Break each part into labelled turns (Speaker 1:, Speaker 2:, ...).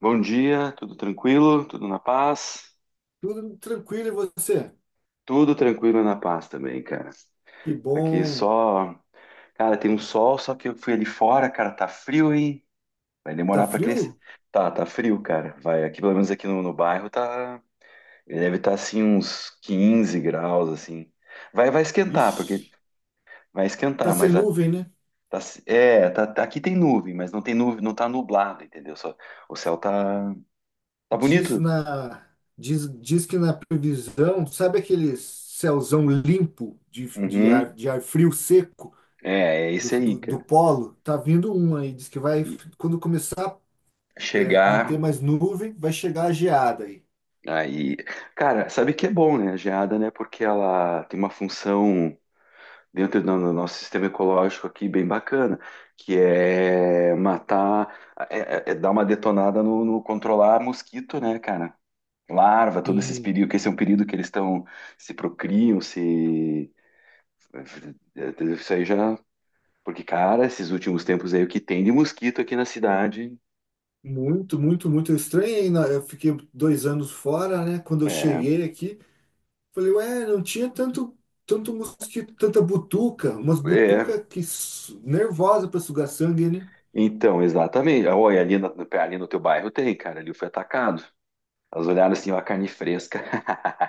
Speaker 1: Bom dia, tudo tranquilo? Tudo na paz?
Speaker 2: Tudo tranquilo, e você?
Speaker 1: Tudo tranquilo e na paz também, cara.
Speaker 2: Que
Speaker 1: Aqui
Speaker 2: bom.
Speaker 1: só. Cara, tem um sol, só que eu fui ali fora, cara, tá frio, hein? Vai
Speaker 2: Tá
Speaker 1: demorar pra crescer.
Speaker 2: frio?
Speaker 1: Tá, tá frio, cara. Vai, aqui pelo menos aqui no bairro tá. Ele deve estar assim uns 15 graus, assim. Vai, vai esquentar, porque
Speaker 2: Ixi,
Speaker 1: vai
Speaker 2: tá
Speaker 1: esquentar,
Speaker 2: sem
Speaker 1: mas
Speaker 2: nuvem, né?
Speaker 1: tá, tá, aqui tem nuvem, mas não tem nuvem, não tá nublado, entendeu? Só, o céu tá, tá
Speaker 2: Diz
Speaker 1: bonito.
Speaker 2: na diz que na previsão, sabe aquele céuzão limpo de ar,
Speaker 1: Uhum.
Speaker 2: de ar frio seco
Speaker 1: É
Speaker 2: do,
Speaker 1: isso aí,
Speaker 2: do, do
Speaker 1: cara.
Speaker 2: polo? Tá vindo um aí, diz que vai quando começar não ter
Speaker 1: Chegar
Speaker 2: mais nuvem, vai chegar a geada aí.
Speaker 1: aí. Cara, sabe que é bom, né? A geada, né? Porque ela tem uma função dentro do nosso sistema ecológico aqui bem bacana, que é matar, é dar uma detonada no controlar mosquito, né, cara? Larva, todo esse
Speaker 2: Hum,
Speaker 1: período, que esse é um período que eles estão se procriam, se. Isso aí já. Porque, cara, esses últimos tempos aí, o que tem de mosquito aqui na cidade.
Speaker 2: muito estranho aí. Eu fiquei dois anos fora, né? Quando eu
Speaker 1: É,
Speaker 2: cheguei aqui falei, ué, não tinha tanto mosquito, tanta butuca, umas
Speaker 1: é.
Speaker 2: butuca nervosa para sugar sangue, né?
Speaker 1: Então, exatamente. Olha, ali no teu bairro tem, cara. Ali foi atacado. Elas olharam assim, ó, a carne fresca.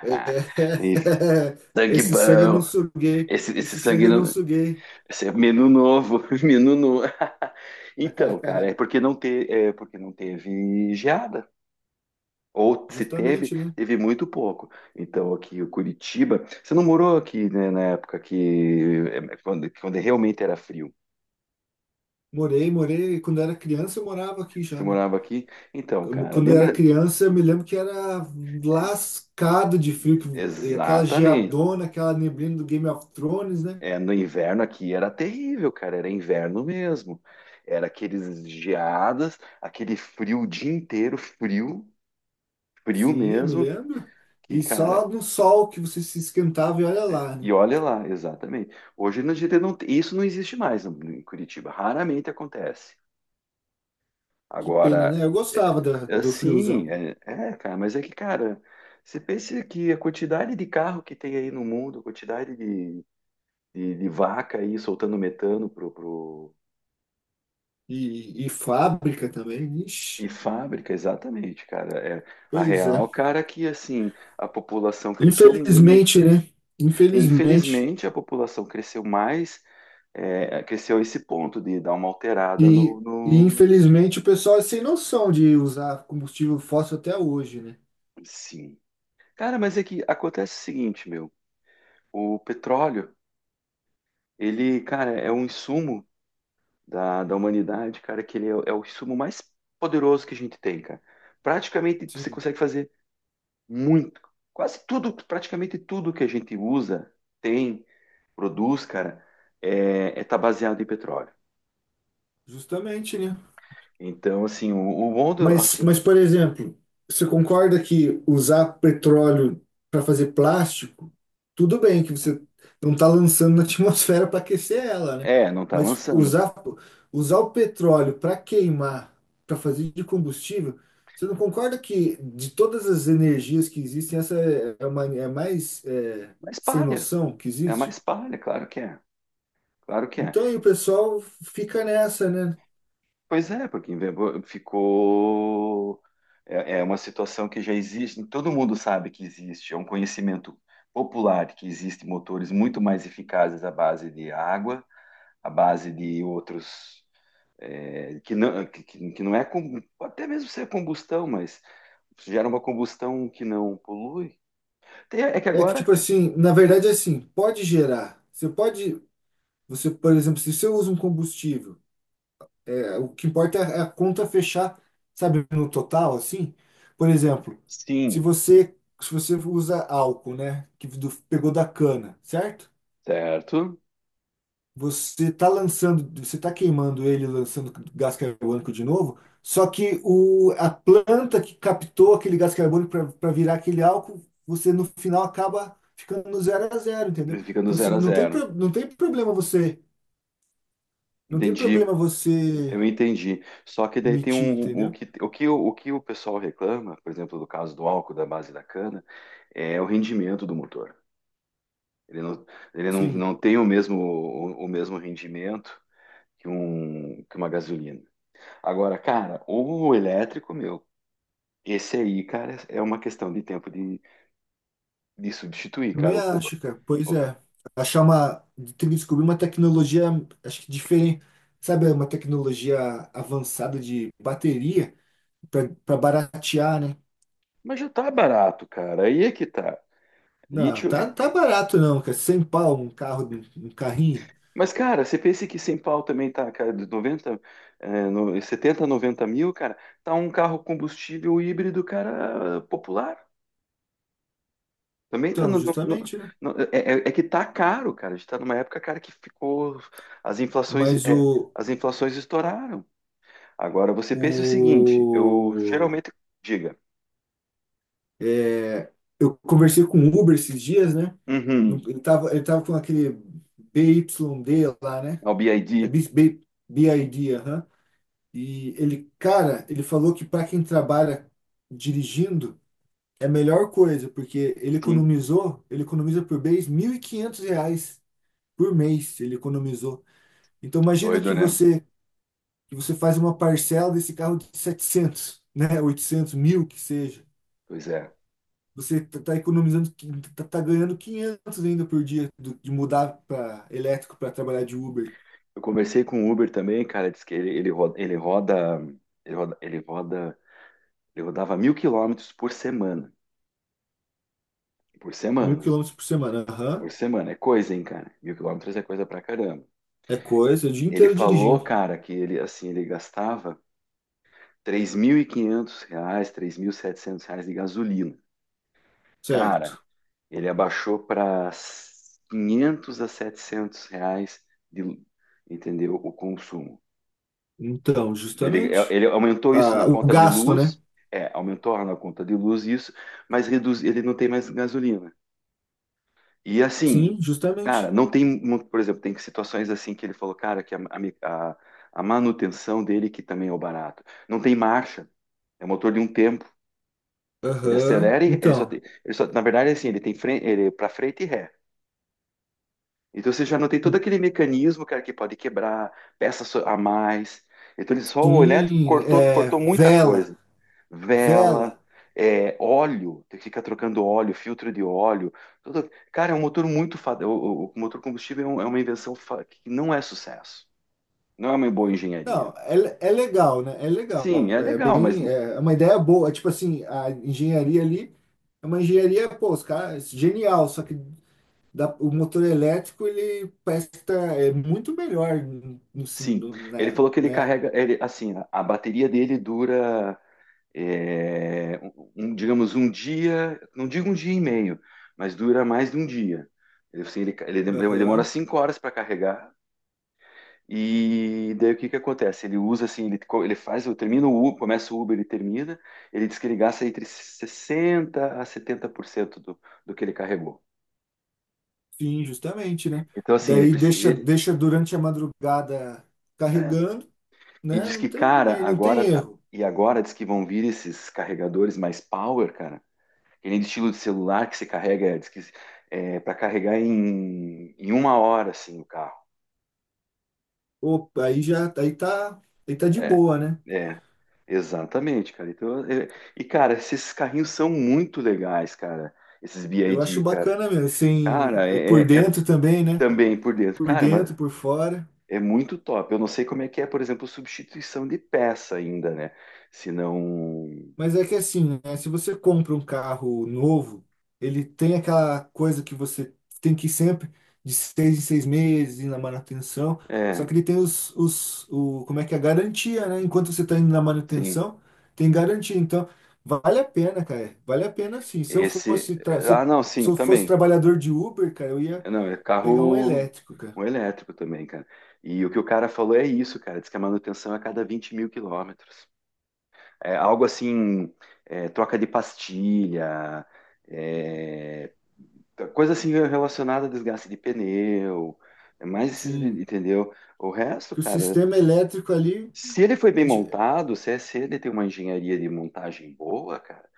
Speaker 2: É,
Speaker 1: E sangue
Speaker 2: esse sangue eu não
Speaker 1: bom.
Speaker 2: suguei,
Speaker 1: Esse
Speaker 2: esse sangue
Speaker 1: sangue
Speaker 2: eu não
Speaker 1: não.
Speaker 2: suguei.
Speaker 1: Esse é menu novo. Menu novo. Então, cara, é porque é porque não teve geada. Ou se teve,
Speaker 2: Justamente, né?
Speaker 1: teve muito pouco. Então, aqui o Curitiba. Você não morou aqui, né, na época que. Quando, quando realmente era frio.
Speaker 2: Morei, quando eu era criança eu morava aqui já,
Speaker 1: Você
Speaker 2: né?
Speaker 1: morava aqui? Então, cara,
Speaker 2: Quando eu era
Speaker 1: lembra?
Speaker 2: criança, eu me lembro que era lascado de frio, e aquela
Speaker 1: Exatamente.
Speaker 2: geadona, aquela neblina do Game of Thrones, né?
Speaker 1: É, no inverno aqui era terrível, cara, era inverno mesmo. Era aqueles geadas, aquele frio o dia inteiro, frio, frio
Speaker 2: Sim, eu me
Speaker 1: mesmo.
Speaker 2: lembro.
Speaker 1: E,
Speaker 2: E
Speaker 1: cara,
Speaker 2: só no sol que você se esquentava e olha lá, né?
Speaker 1: e olha lá, exatamente. Hoje na gente não, isso não existe mais em Curitiba, raramente acontece.
Speaker 2: Que pena,
Speaker 1: Agora,
Speaker 2: né? Eu gostava do friozão.
Speaker 1: cara, você pensa que a quantidade de carro que tem aí no mundo, a quantidade de vaca aí soltando metano pro,
Speaker 2: E fábrica também. Ixi,
Speaker 1: E fábrica, exatamente, cara. É a
Speaker 2: pois é.
Speaker 1: real, cara, que assim, a população cresceu muito.
Speaker 2: Infelizmente, né? Infelizmente.
Speaker 1: Infelizmente, a população cresceu mais, é, cresceu a esse ponto de dar uma alterada
Speaker 2: E,
Speaker 1: no,
Speaker 2: e
Speaker 1: no...
Speaker 2: infelizmente o pessoal é sem noção de usar combustível fóssil até hoje, né?
Speaker 1: Sim. Cara, mas é que acontece o seguinte, meu. O petróleo, ele, cara, é um insumo da humanidade, cara, que ele é o insumo mais poderoso que a gente tem, cara. Praticamente você
Speaker 2: Sim.
Speaker 1: consegue fazer muito. Quase tudo, praticamente tudo que a gente usa tem produz, cara, tá baseado em petróleo.
Speaker 2: Justamente, né?
Speaker 1: Então, assim, o mundo,
Speaker 2: Mas,
Speaker 1: assim,
Speaker 2: mas, por exemplo, você concorda que usar petróleo para fazer plástico, tudo bem que você não está lançando na atmosfera para aquecer ela, né?
Speaker 1: é, não tá
Speaker 2: Mas
Speaker 1: lançando,
Speaker 2: usar o petróleo para queimar, para fazer de combustível, você não concorda que de todas as energias que existem, essa é a mais é,
Speaker 1: mas
Speaker 2: sem
Speaker 1: palha,
Speaker 2: noção que
Speaker 1: é
Speaker 2: existe?
Speaker 1: mais palha, claro que é, claro que é.
Speaker 2: Então, e o pessoal fica nessa, né?
Speaker 1: Pois é, porque ficou, é uma situação que já existe, todo mundo sabe que existe, é um conhecimento popular que existem motores muito mais eficazes à base de água, à base de outros é, que, não, que, que não é até mesmo se é combustão, mas gera uma combustão que não polui. Tem- é que
Speaker 2: É que,
Speaker 1: agora
Speaker 2: tipo assim, na verdade, é assim, pode gerar. Você pode. Você, por exemplo, se você usa um combustível, é, o que importa é a conta fechar, sabe, no total, assim. Por exemplo, se
Speaker 1: sim,
Speaker 2: você se você usa álcool, né, que pegou da cana, certo?
Speaker 1: certo?
Speaker 2: Você está lançando, você está queimando ele, lançando gás carbônico de novo, só que a planta que captou aquele gás carbônico para virar aquele álcool, você no final acaba ficando no zero a zero, entendeu?
Speaker 1: Ele fica no
Speaker 2: Então, se,
Speaker 1: zero a
Speaker 2: não tem,
Speaker 1: zero.
Speaker 2: pro- não tem problema você, não tem
Speaker 1: Entendi.
Speaker 2: problema você
Speaker 1: Eu entendi. Só que daí tem
Speaker 2: emitir,
Speaker 1: um
Speaker 2: entendeu?
Speaker 1: o que o pessoal reclama, por exemplo, do caso do álcool da base da cana, é o rendimento do motor. Ele não, ele não,
Speaker 2: Sim.
Speaker 1: não tem o mesmo o mesmo rendimento que um que uma gasolina. Agora, cara, o elétrico, meu, esse aí, cara, é uma questão de tempo de substituir,
Speaker 2: Também
Speaker 1: cara.
Speaker 2: acho, cara. Pois
Speaker 1: O-
Speaker 2: é. Achar uma. Tem que descobrir uma tecnologia, acho que diferente. Sabe, uma tecnologia avançada de bateria para baratear, né?
Speaker 1: mas já tá barato, cara. Aí é que tá.
Speaker 2: Não,
Speaker 1: Lítio.
Speaker 2: tá barato não, cara. Sem pau, um um carrinho.
Speaker 1: Mas, cara, você pensa que sem pau também tá, cara, de 90, é, no, 70, 90 mil, cara, tá um carro combustível híbrido, cara, popular. Também tá
Speaker 2: Então, justamente, né?
Speaker 1: é que tá caro, cara. A gente tá numa época, cara, que ficou. As inflações,
Speaker 2: Mas
Speaker 1: é,
Speaker 2: o.
Speaker 1: as inflações estouraram. Agora, você pensa o seguinte, eu
Speaker 2: o
Speaker 1: geralmente. Diga.
Speaker 2: é, eu conversei com o Uber esses dias, né?
Speaker 1: Uhum.
Speaker 2: Ele tava com aquele BYD lá, né?
Speaker 1: Ao
Speaker 2: É
Speaker 1: BID.
Speaker 2: BID, aham. E ele, cara, ele falou que para quem trabalha dirigindo é a melhor coisa, porque
Speaker 1: Sim,
Speaker 2: ele economiza por mês R$ 1.500 por mês, ele economizou. Então
Speaker 1: que
Speaker 2: imagina
Speaker 1: doido, né?
Speaker 2: que você faz uma parcela desse carro de 700, né, 800, 1.000 que seja.
Speaker 1: Pois é.
Speaker 2: Você tá economizando, tá ganhando 500 ainda por dia de mudar para elétrico para trabalhar de Uber.
Speaker 1: Eu conversei com o Uber também, cara, disse que ele, ele roda, ele roda, ele rodava 1.000 quilômetros por semana. Por
Speaker 2: Mil
Speaker 1: semana.
Speaker 2: quilômetros por semana, aham.
Speaker 1: Por semana. É coisa, hein, cara? Mil quilômetros é coisa pra caramba.
Speaker 2: É coisa, o dia
Speaker 1: Ele
Speaker 2: inteiro
Speaker 1: falou,
Speaker 2: dirigindo.
Speaker 1: cara, que ele, assim, ele gastava R$ 3.700 de gasolina. Cara,
Speaker 2: Certo.
Speaker 1: ele abaixou para R$ 500 a R$ 700 de, entendeu, o consumo.
Speaker 2: Então, justamente.
Speaker 1: Ele aumentou isso na
Speaker 2: Ah, o
Speaker 1: conta de
Speaker 2: gasto, né?
Speaker 1: luz, aumentou na conta de luz isso, mas reduz, ele não tem mais gasolina. E assim,
Speaker 2: Sim,
Speaker 1: cara,
Speaker 2: justamente.
Speaker 1: não tem, por exemplo, tem situações assim que ele falou, cara, a- a manutenção dele que também é o barato. Não tem marcha, é motor de um tempo. Ele
Speaker 2: Aham.
Speaker 1: acelera e ele só
Speaker 2: Então,
Speaker 1: tem, ele só, na verdade, assim, ele tem frente, ele para frente e ré. Então você já não tem todo aquele mecanismo, cara, que pode quebrar, peças a mais. Então ele só o elétrico
Speaker 2: sim,
Speaker 1: cortou,
Speaker 2: é,
Speaker 1: cortou muita
Speaker 2: vela.
Speaker 1: coisa. Vela,
Speaker 2: Vela.
Speaker 1: é, óleo, tem que ficar trocando óleo, filtro de óleo. Cara, é um motor muito. O motor combustível é uma invenção que não é sucesso. Não é uma boa engenharia.
Speaker 2: Não, é, é legal, né? É legal.
Speaker 1: Sim, é
Speaker 2: É
Speaker 1: legal, mas
Speaker 2: bem, é uma ideia boa. É. Tipo assim, a engenharia ali é uma engenharia, pô, os caras, genial. Só que o motor elétrico, ele presta, é muito melhor,
Speaker 1: sim. Ele
Speaker 2: né?
Speaker 1: falou que ele
Speaker 2: Né?
Speaker 1: carrega. Ele, assim, a bateria dele dura. Um, digamos, um dia. Não digo um dia e meio, mas dura mais de um dia. Ele, assim, ele, ele demora
Speaker 2: Aham.
Speaker 1: 5 horas para carregar. E daí o que que acontece? Ele usa assim, ele faz, eu termino o Uber, começa o Uber, ele termina, ele diz que ele gasta entre 60 a 70% do que ele carregou.
Speaker 2: Sim, justamente, né?
Speaker 1: Então assim, ele
Speaker 2: Daí
Speaker 1: precisa
Speaker 2: deixa, deixa durante a madrugada carregando,
Speaker 1: e
Speaker 2: né?
Speaker 1: diz
Speaker 2: Não
Speaker 1: que
Speaker 2: tem,
Speaker 1: cara,
Speaker 2: não tem erro.
Speaker 1: agora diz que vão vir esses carregadores mais power, cara. Que nem de estilo de celular que se carrega, diz que é para carregar em uma hora assim o carro.
Speaker 2: Opa, aí tá de
Speaker 1: É,
Speaker 2: boa, né?
Speaker 1: é, exatamente, cara. E, cara, esses carrinhos são muito legais, cara. Esses
Speaker 2: Eu acho
Speaker 1: BID, cara.
Speaker 2: bacana mesmo, assim,
Speaker 1: Cara,
Speaker 2: é por
Speaker 1: é
Speaker 2: dentro também, né?
Speaker 1: também por dentro.
Speaker 2: Por
Speaker 1: Cara, mas
Speaker 2: dentro, por fora.
Speaker 1: é muito top. Eu não sei como é que é, por exemplo, substituição de peça ainda, né? Se não.
Speaker 2: Mas é que assim, né, se você compra um carro novo, ele tem aquela coisa que você tem que ir sempre de 6 em 6 meses ir na manutenção. Só
Speaker 1: É,
Speaker 2: que ele tem como é que é, a garantia, né? Enquanto você está indo na
Speaker 1: sim.
Speaker 2: manutenção, tem garantia. Então, vale a pena, cara. Vale a pena sim. Se eu
Speaker 1: Esse. Ah, não,
Speaker 2: se
Speaker 1: sim,
Speaker 2: eu fosse
Speaker 1: também.
Speaker 2: trabalhador de Uber, cara, eu ia
Speaker 1: É, não, é
Speaker 2: pegar um
Speaker 1: carro
Speaker 2: elétrico, cara.
Speaker 1: um elétrico também, cara. E o que o cara falou é isso, cara. Diz que a manutenção é a cada 20.000 quilômetros. É algo assim, é, troca de pastilha, é, coisa assim relacionada a desgaste de pneu, é mais esses,
Speaker 2: Sim.
Speaker 1: entendeu? O resto,
Speaker 2: Que o
Speaker 1: cara,
Speaker 2: sistema elétrico ali
Speaker 1: se ele foi bem
Speaker 2: é
Speaker 1: montado, se ele tem uma engenharia de montagem boa, cara,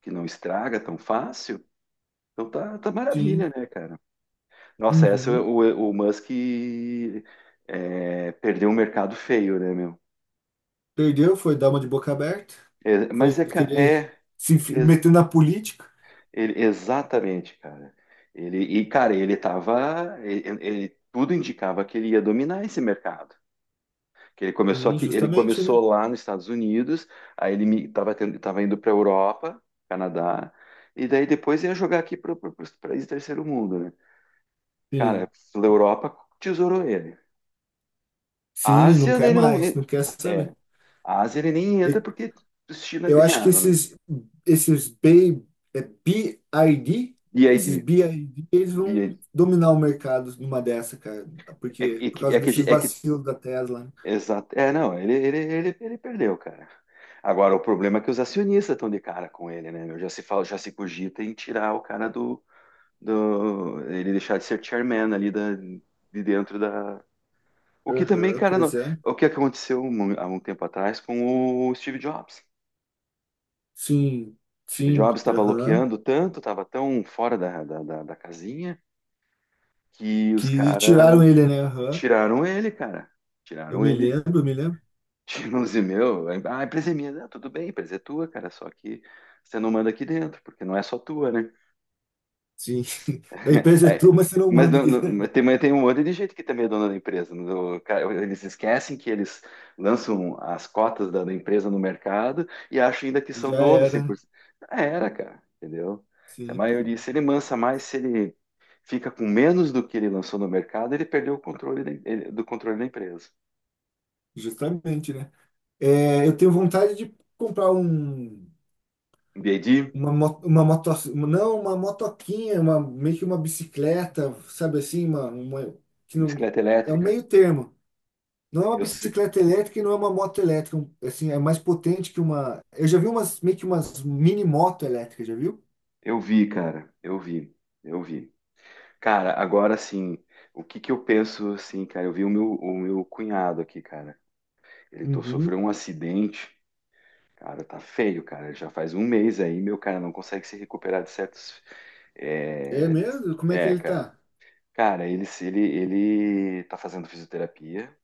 Speaker 1: que não estraga tão fácil, então tá, tá maravilha,
Speaker 2: Sim.
Speaker 1: né, cara? Nossa, essa é
Speaker 2: Uhum.
Speaker 1: o Musk é, perdeu um mercado feio, né, meu?
Speaker 2: Perdeu, foi dar uma de boca aberta.
Speaker 1: É, mas
Speaker 2: Foi
Speaker 1: é, ca-
Speaker 2: querer
Speaker 1: é,
Speaker 2: se enfi-
Speaker 1: é,
Speaker 2: meter na política.
Speaker 1: Ele, exatamente, cara. Ele, e, cara, ele tava. Tudo indicava que ele ia dominar esse mercado. Que ele começou
Speaker 2: Sim,
Speaker 1: aqui, ele
Speaker 2: justamente, né?
Speaker 1: começou lá nos Estados Unidos, aí ele mi- tava, tendo- tava indo para a Europa, Canadá, e daí depois ia jogar aqui para os países do terceiro mundo, né? Cara,
Speaker 2: Sim,
Speaker 1: a Europa tesourou ele. A
Speaker 2: sim,
Speaker 1: Ásia,
Speaker 2: não quer
Speaker 1: ele não.
Speaker 2: mais, não
Speaker 1: nem-
Speaker 2: quer
Speaker 1: é,
Speaker 2: saber.
Speaker 1: a Ásia ele nem entra
Speaker 2: E-
Speaker 1: porque os China
Speaker 2: Eu acho que
Speaker 1: ganharam, né?
Speaker 2: esses, esses B, é BID, esses
Speaker 1: BID.
Speaker 2: BID, eles
Speaker 1: BID.
Speaker 2: vão dominar o mercado numa dessa, cara,
Speaker 1: É,
Speaker 2: porque por causa
Speaker 1: é que a
Speaker 2: desses
Speaker 1: gente- é que
Speaker 2: vacilos da Tesla, né?
Speaker 1: Exato. É, não, ele perdeu, cara. Agora, o problema é que os acionistas estão de cara com ele, né, meu? Já se fala, já se cogita em tirar o cara do, ele deixar de ser chairman ali da, de dentro da. O que também,
Speaker 2: Aham,
Speaker 1: cara,
Speaker 2: pois é.
Speaker 1: o que aconteceu há um tempo atrás com o Steve Jobs.
Speaker 2: Sim,
Speaker 1: Steve
Speaker 2: sim,
Speaker 1: Jobs estava
Speaker 2: aham.
Speaker 1: loqueando tanto, estava tão fora da casinha que os
Speaker 2: Que
Speaker 1: caras
Speaker 2: tiraram ele, né? Aham.
Speaker 1: tiraram ele, cara.
Speaker 2: Eu
Speaker 1: Tiraram
Speaker 2: me
Speaker 1: ele.
Speaker 2: lembro, eu me lembro.
Speaker 1: Tinha um e meu, ah, a empresa é minha, não, tudo bem, a empresa é tua, cara, só que você não manda aqui dentro, porque não é só tua, né?
Speaker 2: Sim. A empresa é tua,
Speaker 1: Aí,
Speaker 2: mas você não manda aqui.
Speaker 1: mas tem um monte de gente que também é dona da empresa. Cara, eles esquecem que eles lançam as cotas da empresa no mercado e acham ainda que são
Speaker 2: Já
Speaker 1: donos
Speaker 2: era, né?
Speaker 1: 100%. Já era, cara, entendeu? Se a
Speaker 2: Sim,
Speaker 1: maioria, se ele mansa mais, se ele fica com menos do que ele lançou no mercado, ele perdeu o controle do controle da empresa.
Speaker 2: justamente, né? É, eu tenho vontade de comprar um,
Speaker 1: BD,
Speaker 2: uma, uma moto, não, uma motoquinha, uma, meio que uma bicicleta, sabe assim, uma, que não,
Speaker 1: bicicleta
Speaker 2: é um
Speaker 1: elétrica.
Speaker 2: meio termo. Não é uma
Speaker 1: Eu,
Speaker 2: bicicleta elétrica e não é uma moto elétrica, um, assim, é mais potente que uma. Eu já vi umas, meio que umas mini moto elétrica, já viu?
Speaker 1: Eu vi, cara, eu vi. Cara, agora sim, o que que eu penso assim, cara? Eu vi o meu cunhado aqui, cara. Sofreu
Speaker 2: Uhum.
Speaker 1: um acidente, cara, tá feio, cara. Já faz um mês aí, meu cara, não consegue se recuperar de certos.
Speaker 2: É
Speaker 1: É, de-
Speaker 2: mesmo? Como é que ele
Speaker 1: cara.
Speaker 2: tá?
Speaker 1: Cara, ele, se- ele tá fazendo fisioterapia.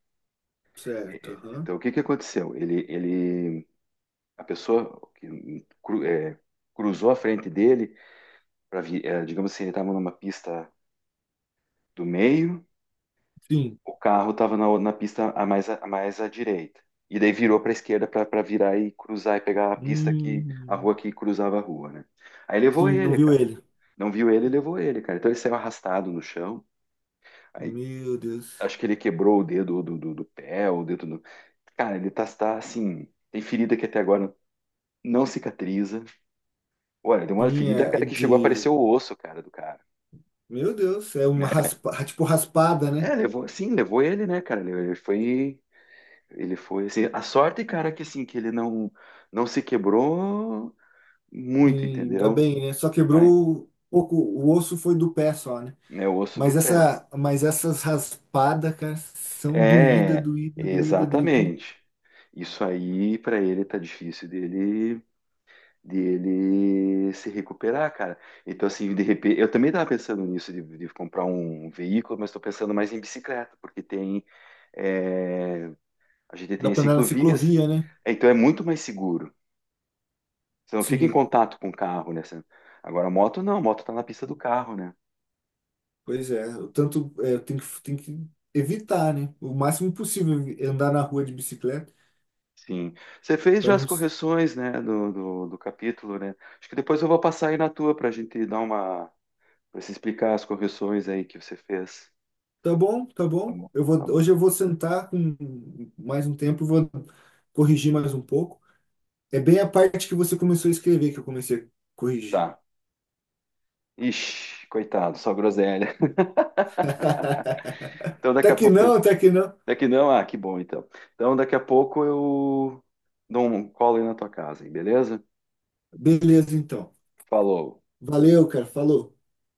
Speaker 2: Certo,
Speaker 1: É,
Speaker 2: aham.
Speaker 1: então, o que que aconteceu? A pessoa cruzou a frente dele, digamos assim, ele estava numa pista do meio.
Speaker 2: Sim.
Speaker 1: O carro estava na, na pista a mais à direita. E daí virou para a esquerda para virar e cruzar e pegar a pista que a
Speaker 2: Hum,
Speaker 1: rua que cruzava a rua, né? Aí levou
Speaker 2: sim, não
Speaker 1: ele,
Speaker 2: viu
Speaker 1: cara.
Speaker 2: ele.
Speaker 1: Não viu ele, levou ele, cara. Então ele saiu arrastado no chão. Aí
Speaker 2: Meu Deus.
Speaker 1: acho que ele quebrou o dedo do pé, o dedo do. Cara, ele tá, tá assim. Tem ferida que até agora não cicatriza. Olha, deu uma
Speaker 2: Sim,
Speaker 1: ferida,
Speaker 2: é é
Speaker 1: cara, que chegou a aparecer
Speaker 2: de.
Speaker 1: o osso, cara, do cara.
Speaker 2: Meu Deus, é uma
Speaker 1: Né?
Speaker 2: raspa, tipo raspada, né?
Speaker 1: É, levou, sim, levou ele, né, cara? Ele ele foi. Ele foi assim, a sorte, cara, que assim, que ele não não se quebrou
Speaker 2: Sim,
Speaker 1: muito,
Speaker 2: ainda
Speaker 1: entendeu?
Speaker 2: bem, né? Só
Speaker 1: Ai,
Speaker 2: quebrou pouco, o osso foi do pé só, né?
Speaker 1: é o osso do
Speaker 2: Mas
Speaker 1: pé.
Speaker 2: mas essas raspadas, cara, são doída,
Speaker 1: É,
Speaker 2: doída, doída, doída.
Speaker 1: exatamente. Isso aí pra ele tá difícil dele se recuperar, cara. Então assim, de repente, eu também tava pensando nisso de comprar um veículo, mas tô pensando mais em bicicleta, porque tem é, a gente tem
Speaker 2: Dá
Speaker 1: as
Speaker 2: pra andar na
Speaker 1: ciclovias,
Speaker 2: ciclovia, né?
Speaker 1: então é muito mais seguro. Você não fica em
Speaker 2: Sim,
Speaker 1: contato com o carro, né? Você- Agora, a moto não, a moto está na pista do carro, né?
Speaker 2: pois é. O tanto é, tem que evitar, né? O máximo possível andar na rua de bicicleta
Speaker 1: Sim. Você fez
Speaker 2: para
Speaker 1: já
Speaker 2: não.
Speaker 1: as
Speaker 2: s-
Speaker 1: correções, né, do capítulo, né? Acho que depois eu vou passar aí na tua para a gente dar uma. Para você explicar as correções aí que você fez.
Speaker 2: Tá bom, tá
Speaker 1: Tá
Speaker 2: bom.
Speaker 1: bom,
Speaker 2: Eu
Speaker 1: tá
Speaker 2: vou,
Speaker 1: bom.
Speaker 2: hoje eu vou sentar com mais um tempo, vou corrigir mais um pouco. É bem a parte que você começou a escrever que eu comecei a corrigir.
Speaker 1: Tá. Ixi, coitado, só groselha. Então daqui
Speaker 2: Tá
Speaker 1: a
Speaker 2: que
Speaker 1: pouco.
Speaker 2: não, tá que não.
Speaker 1: Daqui não, ah, que bom então. Então daqui a pouco eu dou um colo aí na tua casa, hein, beleza?
Speaker 2: Beleza, então.
Speaker 1: Falou.
Speaker 2: Valeu, cara. Falou.